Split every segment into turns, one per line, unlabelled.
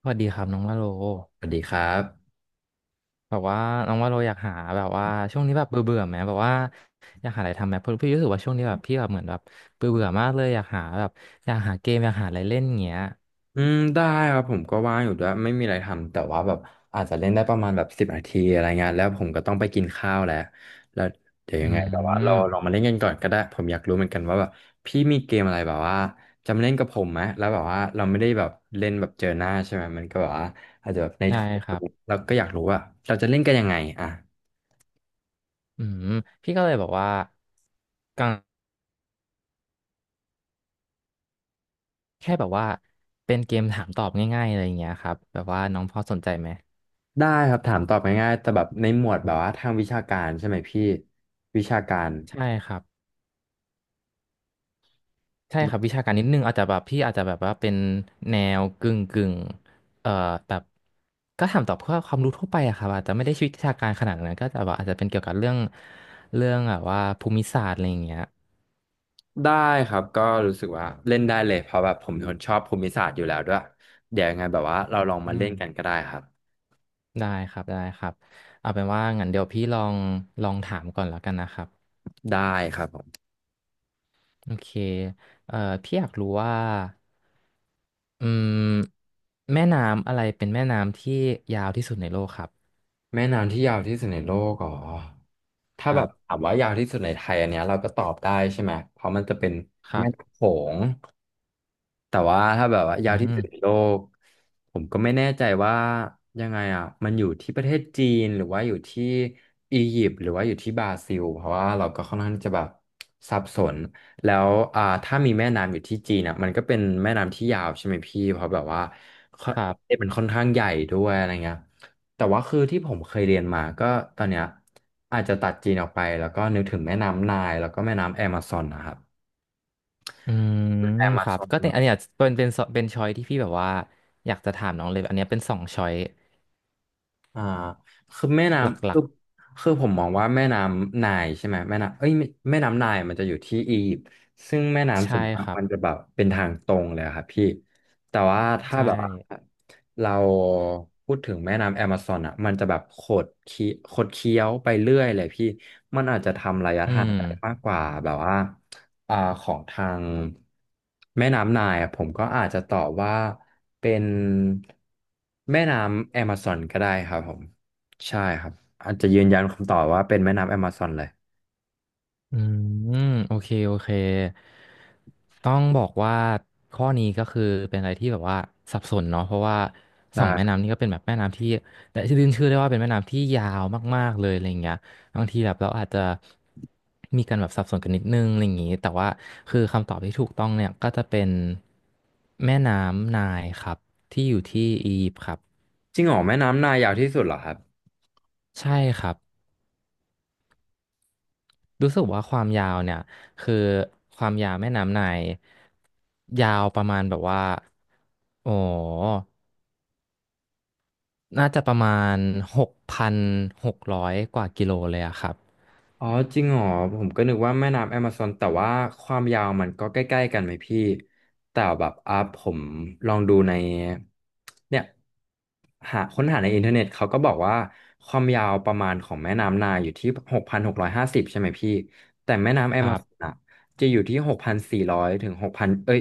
สวัสดีครับน้องว่าโล
สวัสดีครับ
แบบว่าน้องว่าโลอยากหาแบบว่าช่วงนี้แบบเบื่อเบื่อไหมแบบว่าอยากหาอะไรทำไหมเพราะพี่รู้สึกว่าช่วงนี้แบบพี่แบบเหมือนแบบเบื่อเบื่อมากเลยอยากหาแบบอยากหาเกมอยากหาอะไรเล่นอย่างเงี้ย
อืมได้ครับผมก็ว่างอยู่ด้วยไม่มีอะไรทำแต่ว่าแบบอาจจะเล่นได้ประมาณแบบ10 นาทีอะไรเงี้ยแล้วผมก็ต้องไปกินข้าวแล้วแล้วเดี๋ยว
อื
ยังไงแบบว่าเรา
ม
ลองมาเล่นกันก่อนก็ได้ผมอยากรู้เหมือนกันว่าแบบพี่มีเกมอะไรแบบว่าจะมาเล่นกับผมไหมแล้วแบบว่าเราไม่ได้แบบเล่นแบบเจอหน้าใช่ไหมมันก็แบบว่าอาจจะแบบในโท
ใช่
ร
ครับ
แล้วก็อยากรู้ว่าเราจะเล่นกันยังไงอ่ะ
อืมพี่ก็เลยแบบว่ากังแค่แบบว่าเป็นเกมถามตอบง่ายๆอะไรอย่างเงี้ยครับแบบว่าน้องพอสนใจไหม
ได้ครับถามตอบง่ายๆแต่แบบในหมวดแบบว่าทางวิชาการใช่ไหมพี่วิชาการ
ใช่ครับ ใช่ครับวิชาการนิดนึงอาจจะแบบพี่อาจจะแบบว่าเป็นแนวกึ่งกึ่งเอ่อแบบก็ถามตอบเพื่อความรู้ทั่วไปอะครับอาจจะไม่ได้วิชาการขนาดนั้นก็จะแบบอาจจะเป็นเกี่ยวกับเรื่องเรื่องแบบว่าภูมิศาสตร์อะไรอย่างเงี้ย
ได้ครับก็รู้สึกว่าเล่นได้เลยเพราะแบบผมเป็นคนชอบภูมิศาสตร์อยู่แล้วด้วยเดี๋ยวยังไงแบบว่าเราลองมา
อื
เล่
ม
นกันก็ได้ครับ
ได้ครับได้ครับเอาเป็นว่างั้นเดี๋ยวพี่ลองลองถามก่อนแล้วกันนะครับ
ได้ครับผม
โอเคเอ่อพี่อยากรู้ว่าอืมแม่น้ำอะไรเป็นแม่น้ำที่ยาวที่สุดในโลกครับ
แม่น้ำที่ยาวที่สุดในโลกอ๋อ
ค
ถ้าแบ
รั
บ
บ
ถามว่ายาวที่สุดในไทยอันเนี้ยเราก็ตอบได้ใช่ไหมเพราะมันจะเป็น
ครั
แม่
บ
น้ำโขง แต่ว่าถ้าแบบว่า
อื
ยาวที่สุด
ม
ในโลกผมก็ไม่แน่ใจว่ายังไงอ่ะมันอยู่ที่ประเทศจีนหรือว่าอยู่ที่อียิปต์หรือว่าอยู่ที่บราซิลเพราะว่าเราก็ค่อนข้างที่จะแบบสับสนแล้วถ้ามีแม่น้ำอยู่ที่จีนอ่ะมันก็เป็นแม่น้ำที่ยาวใช่ไหมพี่เพราะแบบว่าค่อน
ครั
ประเทศ
บ
มันค่อนข้างใหญ่ด้วยอะไรเงี้ยแต่ว่าคือที่ผมเคยเรียนมาก็ตอนเนี้ยอาจจะตัดจีนออกไปแล้วก็นึกถึงแม่น้ำไนล์แล้วก็แม่น้ำแอมะซอนนะครับ
อืม
แอมะ
ครั
ซ
บ
อน
ก็เนี่ยอันเนี้ยเป็นช้อยที่พี่แบบว่าอยากจะถามน้องเลยอันเนี้ยเป็นสองช้อย
อ่าคือแม่
ห
น้ำ
ลั
คือ
ก
คือผมมองว่าแม่น้ำไนล์ใช่ไหมแม่น้ำเอ้ยไม่แม่น้ำไนล์มันจะอยู่ที่อียิปต์ซึ่งแม่
ๆ
น้ำส่
ใช่
วนมา
ค
ก
รับ
มันจะแบบเป็นทางตรงเลยอะครับพี่แต่ว่าถ้า
ใช่
แบบว่าเราพูดถึงแม่น้ำแอมะซอนอ่ะมันจะแบบขดเคี้ยวไปเรื่อยเลยพี่
อื
ทาน
ม
ได้มากกว่าแบบว่าของทางแม่น้ำไนายอะผมก็อาจจะตอบว่าเป็นแม่น้ำแอมะซอนก็ได้ครับผมใช่ครับอาจจะยืนยันคำตอบว่าเป็นแม่น้ำแอมะซอนเลย
อืมโอเคโอเคต้องบอกว่าข้อนี้ก็คือเป็นอะไรที่แบบว่าสับสนเนาะเพราะว่าสองแม่
ใช่
น้ำนี่ก็เป็นแบบแม่น้ำที่แต่ชื่อชื่อได้ว่าเป็นแม่น้ำที่ยาวมากๆเลยอะไรอย่างเงี้ยบางทีแบบเราอาจจะมีการแบบสับสนกันนิดนึงอะไรอย่างงี้แต่ว่าคือคำตอบที่ถูกต้องเนี่ยก็จะเป็นแม่น้ำไนล์ครับที่อยู่ที่อียิปต์ครับ
จริงเหรอแม่น้ำไนายยาวที่สุดเหรอครับ
ใช่ครับ รู้สึกว่าความยาวเนี่ยคือความยาวแม่น้ำไนายยาวประมาณแบบว่าโอ้น่าจะประมาณ6,600กว่ากิโลเลยอะครับ
อ๋อจริงเหรอผมก็นึกว่าแม่น้ำแอมะซอนแต่ว่าความยาวมันก็ใกล้ๆกันไหมพี่แต่แบบอ่ะผมลองดูในเนี่ยหาค้นหาในอินเทอร์เน็ตเขาก็บอกว่าความยาวประมาณของแม่น้ำไนาอยู่ที่6,650ใช่ไหมพี่แต่แม่น้ำแอ
ค
มะ
รั
ซอน
บ
อ่ะจะอยู่ที่หกพันสี่ร้อยถึงหกพันเอ้ย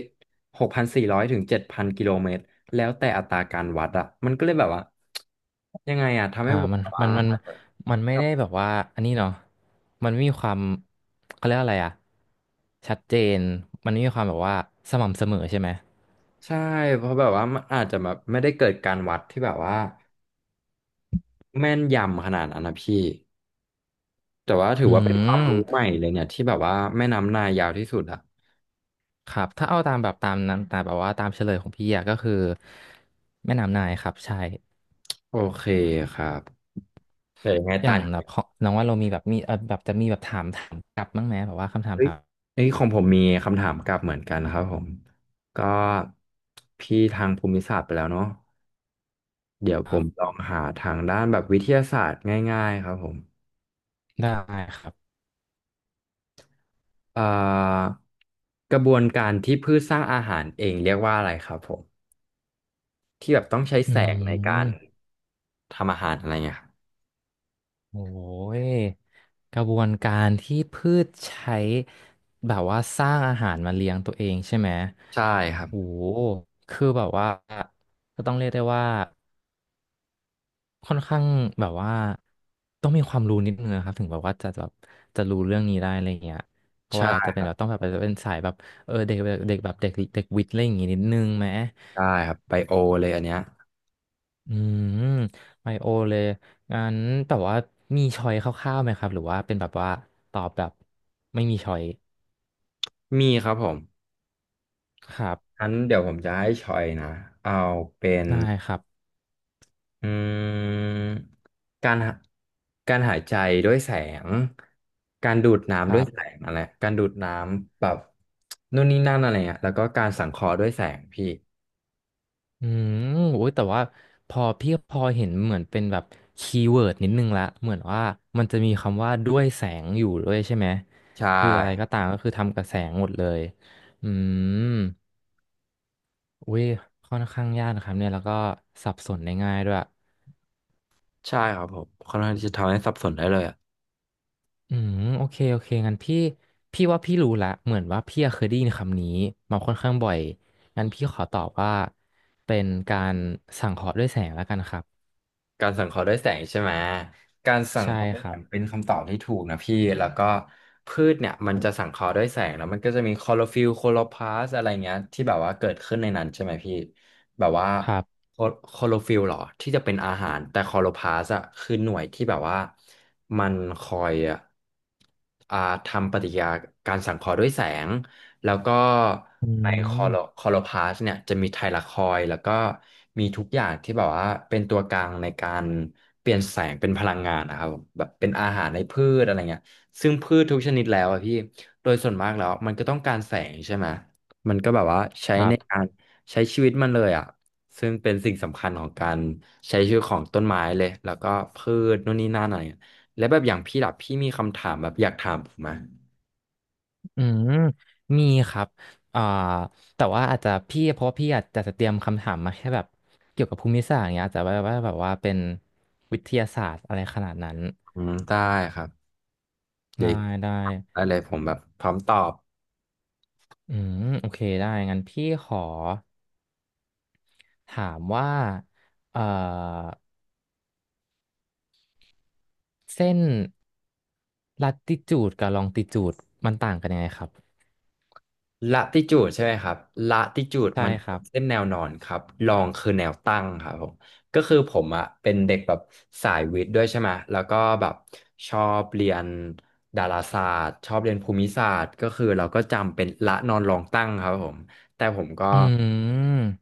หกพันสี่ร้อยถึง7,000 กิโลเมตรแล้วแต่อัตราการวัดอ่ะมันก็เลยแบบว่ายังไงอ่ะทำ
อ่า
ให้ผม
มัน
แบบ
มั
ว่า
นมันมันไม่ได้แบบว่าอันนี้เนาะมันไม่มีความเขาเรียกอะไรอะชัดเจนมันไม่มีความแบบว่าสม่ำเสมอใช่ไหม
ใช่เพราะแบบว่ามันอาจจะแบบไม่ได้เกิดการวัดที่แบบว่าแม่นยำขนาดนั้นนะพี่แต่ว่าถือ
อื
ว่าเป็นความ
ม
รู้ใหม่เลยเนี่ยที่แบบว่าแม่น้ำนายยาวที่สุดอะ
ครับถ้าเอาตามแบบตามนั้นตามแบบว่าตามเฉลยของพี่อะก็คือแม่น้ำนายครับใช่
โอเคครับแต่ยังไง
อ
ตา
ย่าง
น
แบบเพราะน้องว่าเรามีแบบมีแบบจะมีแบบถามถามกลับบ้างไหมแบบว่าคำถาม
เฮ้ย
ถาม
เอ้ยของผมมีคำถามกลับเหมือนกันครับผมก็พี่ทางภูมิศาสตร์ไปแล้วเนาะเดี๋ยว
ก
ผ
ลั
ม
บ
ลองหาทางด้านแบบวิทยาศาสตร์ง่ายๆครับผม
ได้ครับ
เอ่อกระบวนการที่พืชสร้างอาหารเองเรียกว่าอะไรครับผม ที่แบบต้องใช้
อื
แสงในการ
ม
ทำอาหารอะไรเงี้ยครับ
โอ้ยกระบวนการที่พืชใช้แบบว่าสร้างอาหารมาเลี้ยงตัวเองใช่ไหม
ใช่ครับ
โอ้โหคือแบบว่าก็ต้องเรียกได้ว่าค่อนข้างแบบว่าต้องมีความรู้นิดนึงนะครับถึงแบบว่าจะแบบจะรู้เรื่องนี้ได้อะไรเงี้ยเพราะว่าอาจจะเป็
ใช่
นแบบต้องแบบเป็นสายแบบเออเด็กเด็กแบบเด็กเด็กวิทย์อะไรอย่างงี้นิดนึงไหม
ใช่ครับไบโอเลยอันเนี้ย
อืมไมโอเลยงั้นแต่ว่ามีชอยคร่าวๆไหมครับหรือว่าเป็นแบบว่าตอบแบบไม่มีชอย
มีครับผม
ครับ
งั้นเดี๋ยวผมจะให้ชอยนะเอาเป็น
ได้ครับ
อืมการหาการหายใจด้วยแสงการดูด
ค
น้ำด้ว
รั
ย
บ
แสงอะไรการดูดน้ำแบบนู่นนี่นั่นอะไรเงี้ยแล้วก็การสังเคราะห์ด้วยแสงพี่
อืมโอ้ยแต่ว่าพอพี่พอเห็นเหมือนเป็นแบบคีย์เวิร์ดนิดนึงละเหมือนว่ามันจะมีคำว่าด้วยแสงอยู่ด้วยใช่ไหม
ใช
คืออะไรก็
่
ตามก็คือทำกับแสงหมดเลยอืมอุ้ยค่อนข้างยากนะครับเนี่ยแล้วก็สับสนได้ง่ายด้วย
ใช่ครับผมค่อนข้างที่จะทำให้สับสนได้เลยอะ
อืมโอเคโอเคงั้นพี่พี่ว่าพี่รู้ละเหมือนว่าพี่อะเคยได้ยินคำนี้มาค่อนข้างบ่อยงั้นพี่ขอตอบว่าเป็นการสังเคราะห์ด้วยแสงแล้วกันครับ
การสังเคราะห์ด้วยแสงใช่ไหม การสัง
ใช่
เคราะห์ด้ว
ค
ยแส
รับ
งเป็นคำตอบที่ถูกนะพี่แล้วก็พืชเนี่ยมันจะสังเคราะห์ด้วยแสงแล้วมันก็จะมีคลอโรฟิลล์โคลอพลาสต์อะไรเงี้ยที่แบบว่าเกิดขึ้นในนั้นใช่ไหมพี่แบบว่า
ครับ
โคโคลอฟิลล์หรอที่จะเป็นอาหารแต่คลอโรพลาสต์อะคือหน่วยที่แบบว่ามันคอยอะอ่าทำปฏิกิริยาการสังเคราะห์ด้วยแสง แล้วก็
อื
ในคอโล
ม
คอโลพาสเนี่ยจะมีไทลาคอยด์แล้วก็มีทุกอย่างที่แบบว่าเป็นตัวกลางในการเปลี่ยนแสงเป็นพลังงานนะครับผมแบบเป็นอาหารในพืชอะไรเงี้ยซึ่งพืชทุกชนิดแล้วอะพี่โดยส่วนมากแล้วมันก็ต้องการแสงใช่ไหมมันก็แบบว่าใช้
ครั
ในกา
บ
รใช้ชีวิตมันเลยอ่ะซึ่งเป็นสิ่งสำคัญของการใช้ชีวิตของต้นไม้เลยแล้วก็พืชนู่นนี่นั่นอะไรเงี้ยแล้วแบบอย่างพี่ล่ะพี่มีคำถามแบบอยากถามผมไหม
อืมมีครับอ่าแต่ว่าอาจจะพี่เพราะว่าพี่อาจจะเตรียมคำถามมาแค่แบบเกี่ยวกับภูมิศาสตร์อย่างเงี้ยอาจจะว่าว่าแบบว่าเป็นวิทยาศาสตร์อะไรขนาดนั้น
อืมได้ครับ เดี๋
ได้
ยว
ได้
ได้เลยผมแบบพร้อมตอบ
อืมโอเคได้งั้นพี่ขอ ถามว่าเอ่อเส้นลัติจูดกับลองติจูดมันต่างกันยังไงครับ
ละติจูดใช่ไหมครับละติจูด
ใช่
มัน
ครั
เป็
บ
นเส้นแนวนอนครับลองคือแนวตั้งครับผมก็คือผมอะเป็นเด็กแบบสายวิทย์ด้วยใช่ไหมแล้วก็แบบชอบเรียนดาราศาสตร์ชอบเรียนภูมิศาสตร์ก็คือเราก็จำเป็นละนอนลองตั้งครับผมแต่ผมก็
อื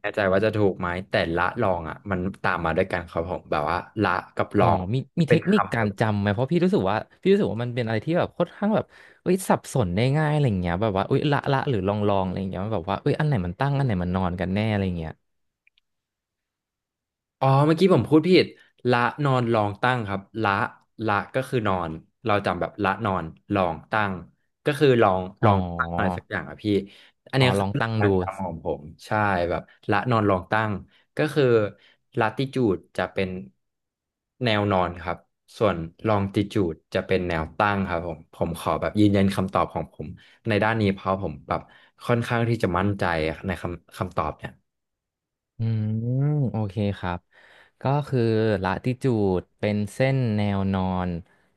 ไม่แน่ใจว่าจะถูกไหมแต่ละลองอ่ะมันตามมาด้วยกันครับผมแบบว่าละกับล
อ๋อ
อง
มีมี
เป็
เท
น
คนิค
คำ
การจำไหมเพราะพี่รู้สึกว่าพี่รู้สึกว่ามันเป็นอะไรที่แบบค่อนข้างแบบเอ้ยสับสนได้ง่ายอะไรเงี้ยแบบว่าเอ้ยละละหรือลองลองอะไรเงี้ยมันแบบว่าเอ้ยอันไหนมันตั้งอันไหนมันนอนกันแน่อะไรเงี้ย
อ๋อเมื่อกี้ผมพูดผิดละนอนลองตั้งครับละละก็คือนอนเราจำแบบละนอนลองตั้งก็คือลอง
อ๋
ล
อ
องตั้งอะไรสักอย่างอะพี่อัน
อ๋อ
เนี้ย
ล
คือ
อง
หลั
ตั้
ก
ง
กา
ดู
รจำของผมใช่แบบละนอนลองตั้งก็คือลาติจูดจะเป็นแนวนอนครับส่วนลองติจูดจะเป็นแนวตั้งครับผมผมขอแบบยืนยันคำตอบของผมในด้านนี้เพราะผมแบบค่อนข้างที่จะมั่นใจในคำตอบเนี่ย
อืมโอเคครับก็คือละติจูดเป็นเส้นแนวนอน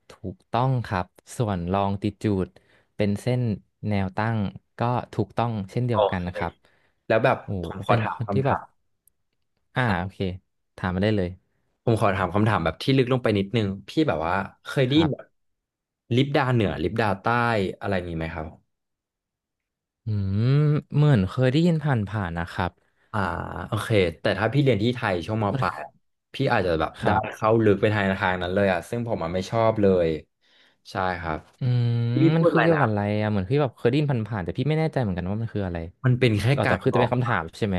ถูกต้องครับส่วนลองติจูดเป็นเส้นแนวตั้งก็ถูกต้องเช่นเดี
โอ
ยวกัน
เค
นะครับ
แล้วแบบ
โอ้
ผมขอ
เป็น
ถา
ค
ม
นที่
คำ
แบ
ถา
บ
ม
อ่า
อ่ะ
โอเคถามมาได้เลย
ผมขอถามคำถามแบบที่ลึกลงไปนิดนึงพี่แบบว่าเคย
ค
ได้ยิ
รั
นแบบ
บ
ลิปดาเหนือลิปดาใต้อะไรนี้ไหมครับ
อืมเหมือนเคยได้ยินผ่านๆนะครับ
อ่าโอเคแต่ถ้าพี่เรียนที่ไทยช่วงมปลายอะพี่อาจจะแบบ
ค
ได้
รับ
เข้าลึกไปทางนั้นเลยอ่ะซึ่งผมอ่ะไม่ชอบเลยใช่ครับ
อืม
พี่
มั
พู
น
ด
คื
อะ
อ
ไร
เกี่ยว
นะ
กับอะไรอะเหมือนพี่แบบเคยได้ยินผ่านๆแต่พี่ไม่แน่ใจเหมือนกันว่ามันคืออะไร
มันเป็นแค่
เรา
กา
แต่
ร
คือ
บ
จะ
อ
เป็
ก
นคำถามใช่ไหม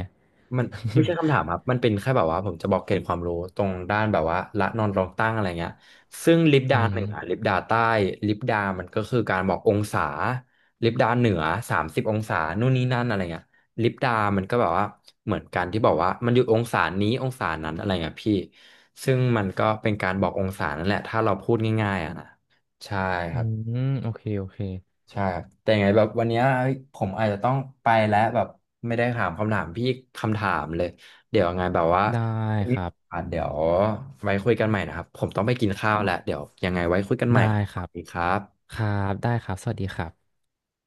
มันไม่ใช่คำถาม ครับมันเป็นแค่แบบว่าผมจะบอกเกณฑ์ความรู้ตรงด้านแบบว่าละนอนรองตั้งอะไรเงี้ยซึ่งลิป
อื
ดาหนึ่งอ่ะ
ม
ลิปดาใต้ลิปดามันก็คือการบอกองศาลิปดาเหนือ30 องศานู่นนี่นั่นอะไรเงี้ยลิปดามันก็แบบว่าเหมือนกันที่บอกว่ามันอยู่องศานี้องศานั้นอะไรเงี้ยพี่ซึ่งมันก็เป็นการบอกองศานั่นแหละถ้าเราพูดง่ายๆอ่ะนะใช่ค
อื
รับ
ม โอเค โอเค
ใช่ครับแต่ยังไงแบบวันเนี้ยเฮ้ยผมอาจจะต้องไปแล้วแบบไม่ได้ถามคำถามพี่คำถามเลยเดี๋ยวยังไงแบบว่า
ได้ครับ
อ่ะเดี๋ยวไว้คุยกันใหม่นะครับผมต้องไปกินข้าวแล้วเดี๋ยวยังไงไว้คุยกันใหม่
ได้
ครับ
ค
ส
รั
วั
บ
สดีครับ
ครับได้ครับ สวัสดีครับ